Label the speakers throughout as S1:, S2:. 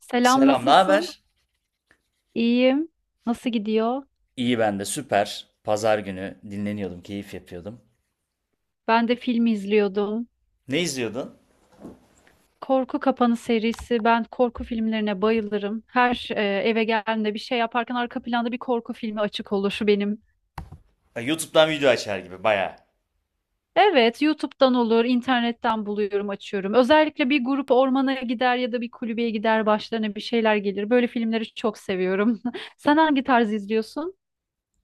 S1: Selam,
S2: Selam, ne
S1: nasılsın?
S2: haber?
S1: İyiyim. Nasıl gidiyor?
S2: İyi ben de süper. Pazar günü dinleniyordum, keyif yapıyordum.
S1: Ben de film izliyordum.
S2: Ne izliyordun?
S1: Korku Kapanı serisi. Ben korku filmlerine bayılırım. Her eve geldiğimde bir şey yaparken arka planda bir korku filmi açık olur. Şu benim.
S2: Ha, YouTube'dan video açar gibi bayağı.
S1: Evet, YouTube'dan olur, internetten buluyorum, açıyorum. Özellikle bir grup ormana gider ya da bir kulübeye gider, başlarına bir şeyler gelir. Böyle filmleri çok seviyorum. Sen hangi tarz izliyorsun?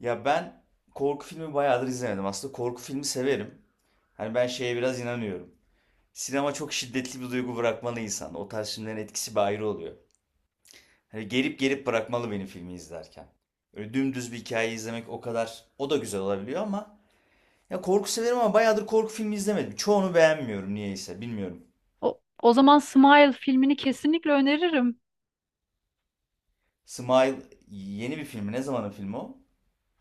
S2: Ya ben korku filmi bayağıdır izlemedim. Aslında korku filmi severim. Hani ben şeye biraz inanıyorum. Sinema çok şiddetli bir duygu bırakmalı insan. O tarz filmlerin etkisi bir ayrı oluyor. Hani gelip gelip bırakmalı benim filmi izlerken. Öyle dümdüz bir hikaye izlemek o kadar o da güzel olabiliyor ama ya korku severim ama bayağıdır korku filmi izlemedim. Çoğunu beğenmiyorum niyeyse bilmiyorum.
S1: O zaman Smile filmini kesinlikle öneririm.
S2: Smile yeni bir filmi. Ne zamanın filmi o?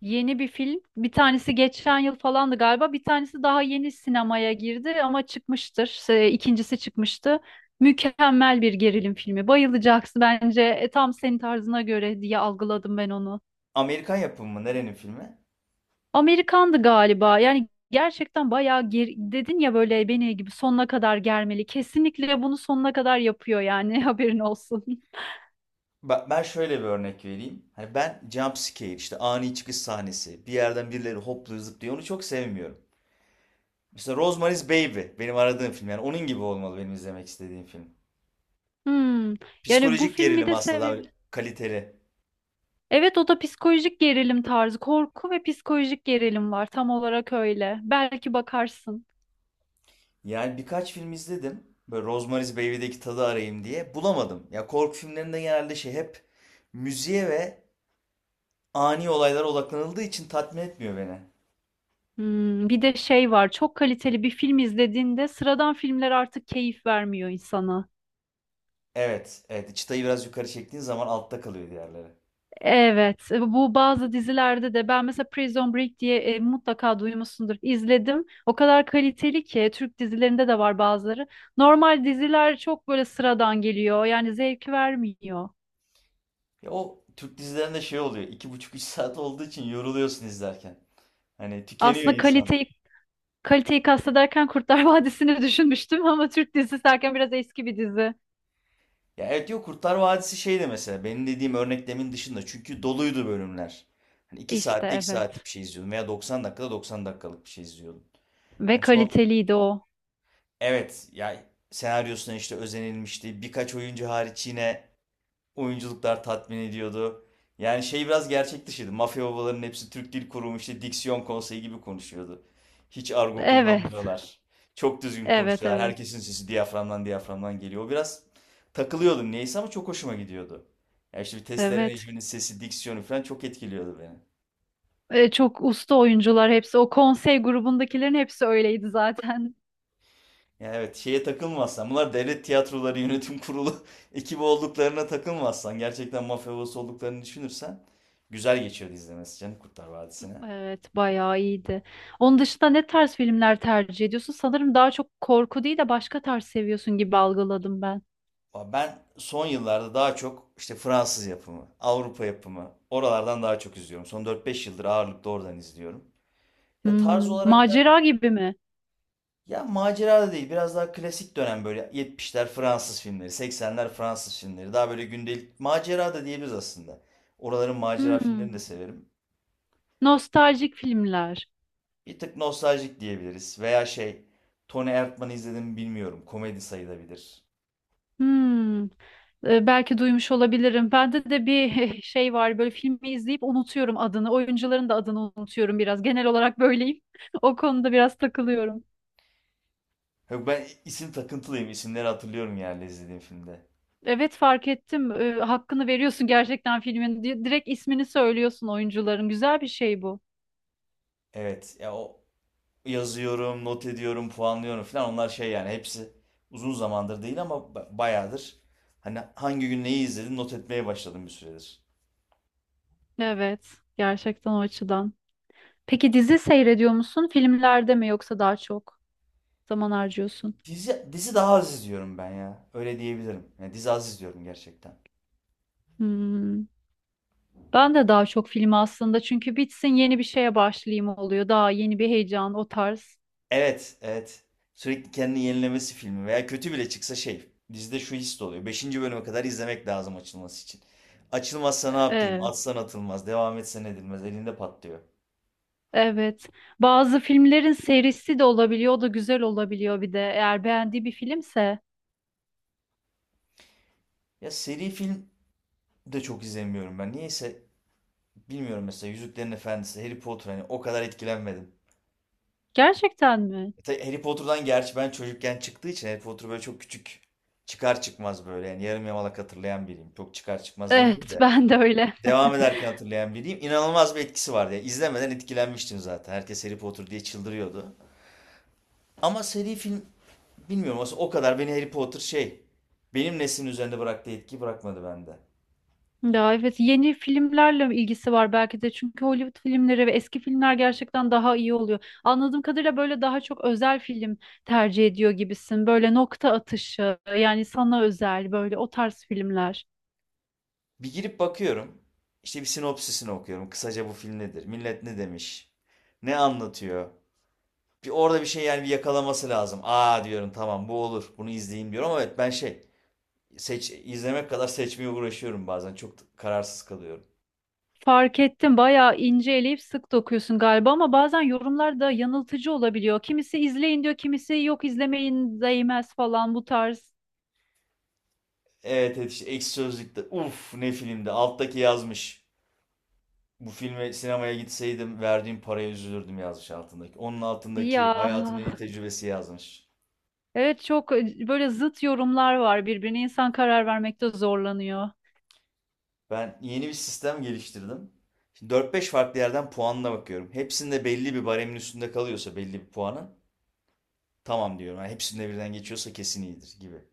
S1: Yeni bir film. Bir tanesi geçen yıl falandı galiba. Bir tanesi daha yeni sinemaya girdi ama çıkmıştır. İkincisi çıkmıştı. Mükemmel bir gerilim filmi. Bayılacaksın bence. Tam senin tarzına göre diye algıladım ben onu.
S2: Amerikan yapımı mı? Nerenin filmi?
S1: Amerikandı galiba. Yani gerçekten bayağı dedin ya böyle beni gibi sonuna kadar germeli. Kesinlikle bunu sonuna kadar yapıyor yani, haberin olsun.
S2: Bak ben şöyle bir örnek vereyim. Hani ben jump scare işte ani çıkış sahnesi. Bir yerden birileri hopluyor zıplıyor. Onu çok sevmiyorum. Mesela Rosemary's Baby benim aradığım film. Yani onun gibi olmalı benim izlemek istediğim film.
S1: Hmm. Yani bu
S2: Psikolojik
S1: filmi
S2: gerilim
S1: de
S2: aslında daha böyle
S1: sevebilirim.
S2: kaliteli.
S1: Evet, o da psikolojik gerilim tarzı. Korku ve psikolojik gerilim var. Tam olarak öyle. Belki bakarsın.
S2: Yani birkaç film izledim. Böyle Rosemary's Baby'deki tadı arayayım diye. Bulamadım. Ya korku filmlerinde genelde şey hep müziğe ve ani olaylara odaklanıldığı için tatmin etmiyor beni.
S1: Hmm, bir de şey var. Çok kaliteli bir film izlediğinde sıradan filmler artık keyif vermiyor insana.
S2: Evet, evet. Çıtayı biraz yukarı çektiğin zaman altta kalıyor diğerleri.
S1: Evet, bu bazı dizilerde de ben mesela Prison Break diye mutlaka duymuşsundur. İzledim. O kadar kaliteli ki, Türk dizilerinde de var bazıları. Normal diziler çok böyle sıradan geliyor. Yani zevk vermiyor.
S2: Ya o Türk dizilerinde şey oluyor. İki buçuk üç saat olduğu için yoruluyorsun izlerken. Hani tükeniyor
S1: Aslında
S2: insan.
S1: kaliteyi kastederken Kurtlar Vadisi'ni düşünmüştüm ama Türk dizisi derken biraz eski bir dizi.
S2: Ya evet yok Kurtlar Vadisi şey de mesela benim dediğim örneklemin dışında çünkü doluydu bölümler. Hani iki
S1: İşte
S2: saatte 2
S1: evet.
S2: saatlik bir şey izliyordum veya 90 dakikada 90 dakikalık bir şey izliyordum.
S1: Ve
S2: Hani son
S1: kaliteliydi o.
S2: evet ya senaryosuna işte özenilmişti. Birkaç oyuncu hariç yine oyunculuklar tatmin ediyordu. Yani şey biraz gerçek dışıydı. Mafya babalarının hepsi Türk Dil Kurumu işte diksiyon konseyi gibi konuşuyordu. Hiç argo
S1: Evet.
S2: kullanmıyorlar. Çok düzgün
S1: Evet,
S2: konuşuyorlar.
S1: evet.
S2: Herkesin sesi diyaframdan geliyor. O biraz takılıyordum neyse ama çok hoşuma gidiyordu. Ya işte bir testere
S1: Evet.
S2: Necmi'nin sesi, diksiyonu falan çok etkiliyordu beni.
S1: Çok usta oyuncular hepsi. O konsey grubundakilerin hepsi öyleydi zaten.
S2: Ya evet şeye takılmazsan bunlar devlet tiyatroları yönetim kurulu ekibi olduklarına takılmazsan gerçekten mafya babası olduklarını düşünürsen güzel geçiyordu izlemesi canım Kurtlar Vadisi'ne.
S1: Evet, bayağı iyiydi. Onun dışında ne tarz filmler tercih ediyorsun? Sanırım daha çok korku değil de başka tarz seviyorsun gibi algıladım ben.
S2: Ben son yıllarda daha çok işte Fransız yapımı, Avrupa yapımı oralardan daha çok izliyorum. Son dört beş yıldır ağırlıklı oradan izliyorum. Ya tarz
S1: Hmm,
S2: olarak da
S1: macera gibi mi?
S2: ya macera da değil biraz daha klasik dönem böyle 70'ler Fransız filmleri, 80'ler Fransız filmleri daha böyle gündelik macera da diyebiliriz aslında. Oraların macera
S1: Hmm,
S2: filmlerini de severim.
S1: nostaljik filmler.
S2: Bir tık nostaljik diyebiliriz veya şey Tony Erdmann'ı izledim mi bilmiyorum komedi sayılabilir.
S1: Hmm, belki duymuş olabilirim. Bende de bir şey var, böyle filmi izleyip unutuyorum adını. Oyuncuların da adını unutuyorum biraz. Genel olarak böyleyim. O konuda biraz takılıyorum.
S2: Yok ben isim takıntılıyım isimleri hatırlıyorum yani izlediğim filmde.
S1: Evet, fark ettim. Hakkını veriyorsun gerçekten filmin. Direkt ismini söylüyorsun oyuncuların. Güzel bir şey bu.
S2: Evet ya o yazıyorum, not ediyorum, puanlıyorum falan. Onlar şey yani hepsi uzun zamandır değil ama bayağıdır. Hani hangi gün neyi izledim not etmeye başladım bir süredir.
S1: Evet, gerçekten o açıdan. Peki dizi seyrediyor musun? Filmlerde mi yoksa daha çok zaman harcıyorsun?
S2: Dizi daha az izliyorum ben ya. Öyle diyebilirim. Yani dizi az izliyorum gerçekten.
S1: Hmm. Ben de daha çok film aslında çünkü bitsin yeni bir şeye başlayayım oluyor. Daha yeni bir heyecan, o tarz.
S2: Evet, evet. Sürekli kendini yenilemesi filmi veya kötü bile çıksa şey. Dizide şu his de oluyor. Beşinci bölüme kadar izlemek lazım açılması için. Açılmazsa ne yapayım?
S1: Ee,
S2: Atsan atılmaz. Devam etsen edilmez. Elinde patlıyor.
S1: evet. Bazı filmlerin serisi de olabiliyor. O da güzel olabiliyor bir de. Eğer beğendiği bir filmse.
S2: Ya seri film de çok izlemiyorum ben. Niyeyse bilmiyorum mesela Yüzüklerin Efendisi, Harry Potter hani o kadar etkilenmedim.
S1: Gerçekten mi?
S2: E tabii Harry Potter'dan gerçi ben çocukken çıktığı için Harry Potter böyle çok küçük çıkar çıkmaz böyle yani yarım yamalak hatırlayan biriyim. Çok çıkar çıkmaz demeyeyim
S1: Evet,
S2: de
S1: ben de öyle.
S2: devam ederken hatırlayan biriyim. İnanılmaz bir etkisi vardı ya. İzlemeden etkilenmiştim zaten. Herkes Harry Potter diye çıldırıyordu. Ama seri film bilmiyorum aslında o kadar beni Harry Potter şey benim neslin üzerinde bıraktığı etki bırakmadı bende.
S1: Ya evet, yeni filmlerle ilgisi var belki de çünkü Hollywood filmleri ve eski filmler gerçekten daha iyi oluyor. Anladığım kadarıyla böyle daha çok özel film tercih ediyor gibisin. Böyle nokta atışı yani, sana özel böyle o tarz filmler.
S2: Bir girip bakıyorum. İşte bir sinopsisini okuyorum. Kısaca bu film nedir? Millet ne demiş? Ne anlatıyor? Bir orada bir şey yani bir yakalaması lazım. Aa diyorum tamam bu olur. Bunu izleyeyim diyorum ama evet ben şey seç izlemek kadar seçmeye uğraşıyorum bazen. Çok kararsız kalıyorum.
S1: Fark ettim, bayağı ince eleyip sık dokuyorsun galiba ama bazen yorumlar da yanıltıcı olabiliyor. Kimisi izleyin diyor, kimisi yok izlemeyin değmez falan, bu tarz.
S2: Evet evet işte Ekşi Sözlük'te uf ne filmde alttaki yazmış. Bu filme sinemaya gitseydim verdiğim paraya üzülürdüm yazmış altındaki. Onun altındaki
S1: Ya
S2: hayatımın en iyi tecrübesi yazmış.
S1: evet, çok böyle zıt yorumlar var birbirine, insan karar vermekte zorlanıyor.
S2: Ben yeni bir sistem geliştirdim. Şimdi dört beş farklı yerden puanına bakıyorum. Hepsinde belli bir baremin üstünde kalıyorsa belli bir puanın tamam diyorum. Yani hepsinde birden geçiyorsa kesin iyidir gibi.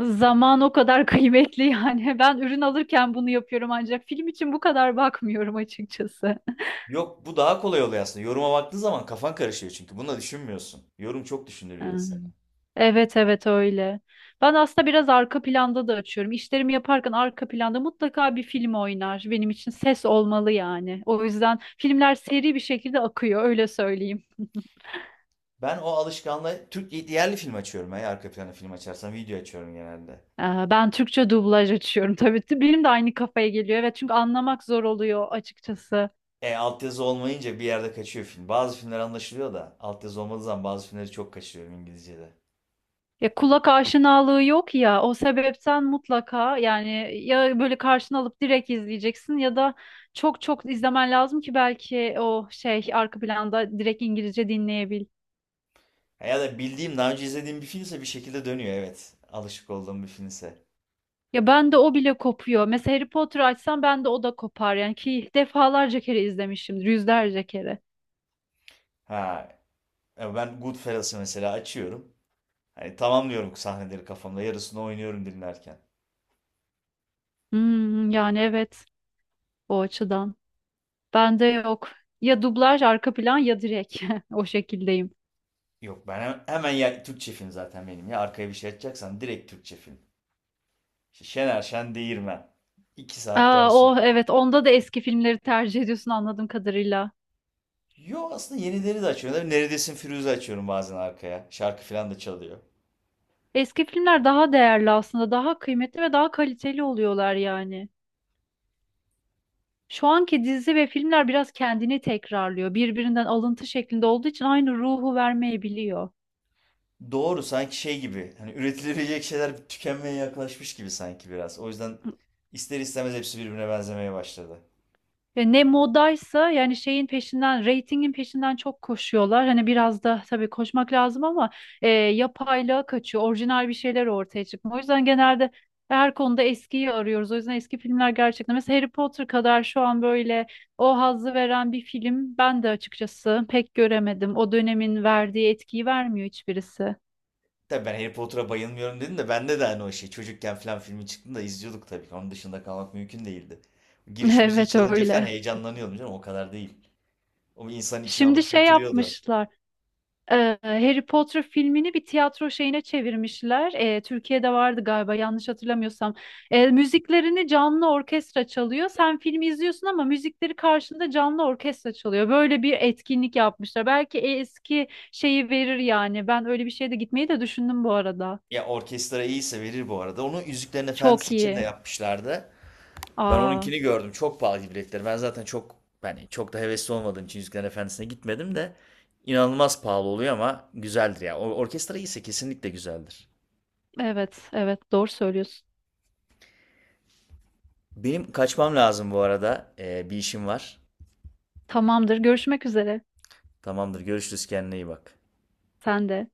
S1: Zaman o kadar kıymetli yani. Ben ürün alırken bunu yapıyorum ancak film için bu kadar bakmıyorum açıkçası.
S2: Yok bu daha kolay oluyor aslında. Yoruma baktığın zaman kafan karışıyor çünkü. Bunu da düşünmüyorsun. Yorum çok
S1: Ee,
S2: düşündürüyor insanı.
S1: Evet, evet öyle. Ben aslında biraz arka planda da açıyorum. İşlerimi yaparken arka planda mutlaka bir film oynar. Benim için ses olmalı yani. O yüzden filmler seri bir şekilde akıyor, öyle söyleyeyim.
S2: Ben o alışkanlığı Türk yerli film açıyorum. Ben arka plana film açarsam video açıyorum genelde.
S1: Ee, Ben Türkçe dublaj açıyorum tabii. Benim de aynı kafaya geliyor. Evet çünkü anlamak zor oluyor açıkçası.
S2: E altyazı olmayınca bir yerde kaçıyor film. Bazı filmler anlaşılıyor da altyazı olmadığı zaman bazı filmleri çok kaçırıyorum İngilizce'de.
S1: Ya kulak aşinalığı yok ya, o sebepten mutlaka yani ya böyle karşına alıp direkt izleyeceksin ya da çok çok izlemen lazım ki belki o şey arka planda direkt İngilizce dinleyebil.
S2: Ya da bildiğim daha önce izlediğim bir filmse bir şekilde dönüyor evet. Alışık olduğum bir filmse.
S1: Ya ben de o bile kopuyor. Mesela Harry Potter açsam, ben de o da kopar yani, ki defalarca kere izlemişimdir, yüzlerce kere.
S2: Ha ya ben Goodfellas'ı mesela açıyorum. Hani tamamlıyorum sahneleri kafamda. Yarısını oynuyorum dinlerken.
S1: Hmm, yani evet, o açıdan. Bende yok. Ya dublaj arka plan ya direkt, o şekildeyim.
S2: Yok ben hemen ya Türkçe film zaten benim ya. Arkaya bir şey açacaksan direkt Türkçe film. İşte Şener Şen Değirmen. İki saat
S1: Aa,
S2: dönsün.
S1: o evet, onda da eski filmleri tercih ediyorsun anladığım kadarıyla.
S2: Yo aslında yenileri de açıyorum. Neredesin Firuze açıyorum bazen arkaya. Şarkı falan da çalıyor.
S1: Eski filmler daha değerli aslında, daha kıymetli ve daha kaliteli oluyorlar yani. Şu anki dizi ve filmler biraz kendini tekrarlıyor. Birbirinden alıntı şeklinde olduğu için aynı ruhu vermeyebiliyor.
S2: Doğru sanki şey gibi hani üretilebilecek şeyler tükenmeye yaklaşmış gibi sanki biraz. O yüzden ister istemez hepsi birbirine benzemeye başladı.
S1: Ve ne modaysa yani şeyin peşinden, reytingin peşinden çok koşuyorlar. Hani biraz da tabii koşmak lazım ama yapaylığa kaçıyor. Orijinal bir şeyler ortaya çıkmıyor. O yüzden genelde her konuda eskiyi arıyoruz. O yüzden eski filmler gerçekten. Mesela Harry Potter kadar şu an böyle o hazzı veren bir film ben de açıkçası pek göremedim. O dönemin verdiği etkiyi vermiyor hiçbirisi.
S2: Tabii ben Harry Potter'a bayılmıyorum dedim de bende de hani o şey çocukken falan filmi çıktığında izliyorduk tabii ki. Onun dışında kalmak mümkün değildi. Giriş müziği
S1: Evet
S2: çalınca falan
S1: öyle.
S2: heyecanlanıyordum canım o kadar değil. O bir insanın içine
S1: Şimdi
S2: alıp
S1: şey
S2: götürüyordu.
S1: yapmışlar. Harry Potter filmini bir tiyatro şeyine çevirmişler. Türkiye'de vardı galiba, yanlış hatırlamıyorsam. Müziklerini canlı orkestra çalıyor. Sen filmi izliyorsun ama müzikleri karşında canlı orkestra çalıyor. Böyle bir etkinlik yapmışlar. Belki eski şeyi verir yani. Ben öyle bir şeye de gitmeyi de düşündüm bu arada.
S2: Ya orkestra iyiyse verir bu arada. Onu Yüzüklerin Efendisi
S1: Çok
S2: için de
S1: iyi.
S2: yapmışlardı. Ben
S1: Aa,
S2: onunkini gördüm. Çok pahalı biletleri. Ben zaten çok yani çok da hevesli olmadığım için Yüzüklerin Efendisi'ne gitmedim de inanılmaz pahalı oluyor ama güzeldir ya. O orkestra iyiyse kesinlikle güzeldir.
S1: evet, evet, doğru söylüyorsun.
S2: Benim kaçmam lazım bu arada. Bir işim var.
S1: Tamamdır. Görüşmek üzere.
S2: Tamamdır. Görüşürüz. Kendine iyi bak.
S1: Sen de.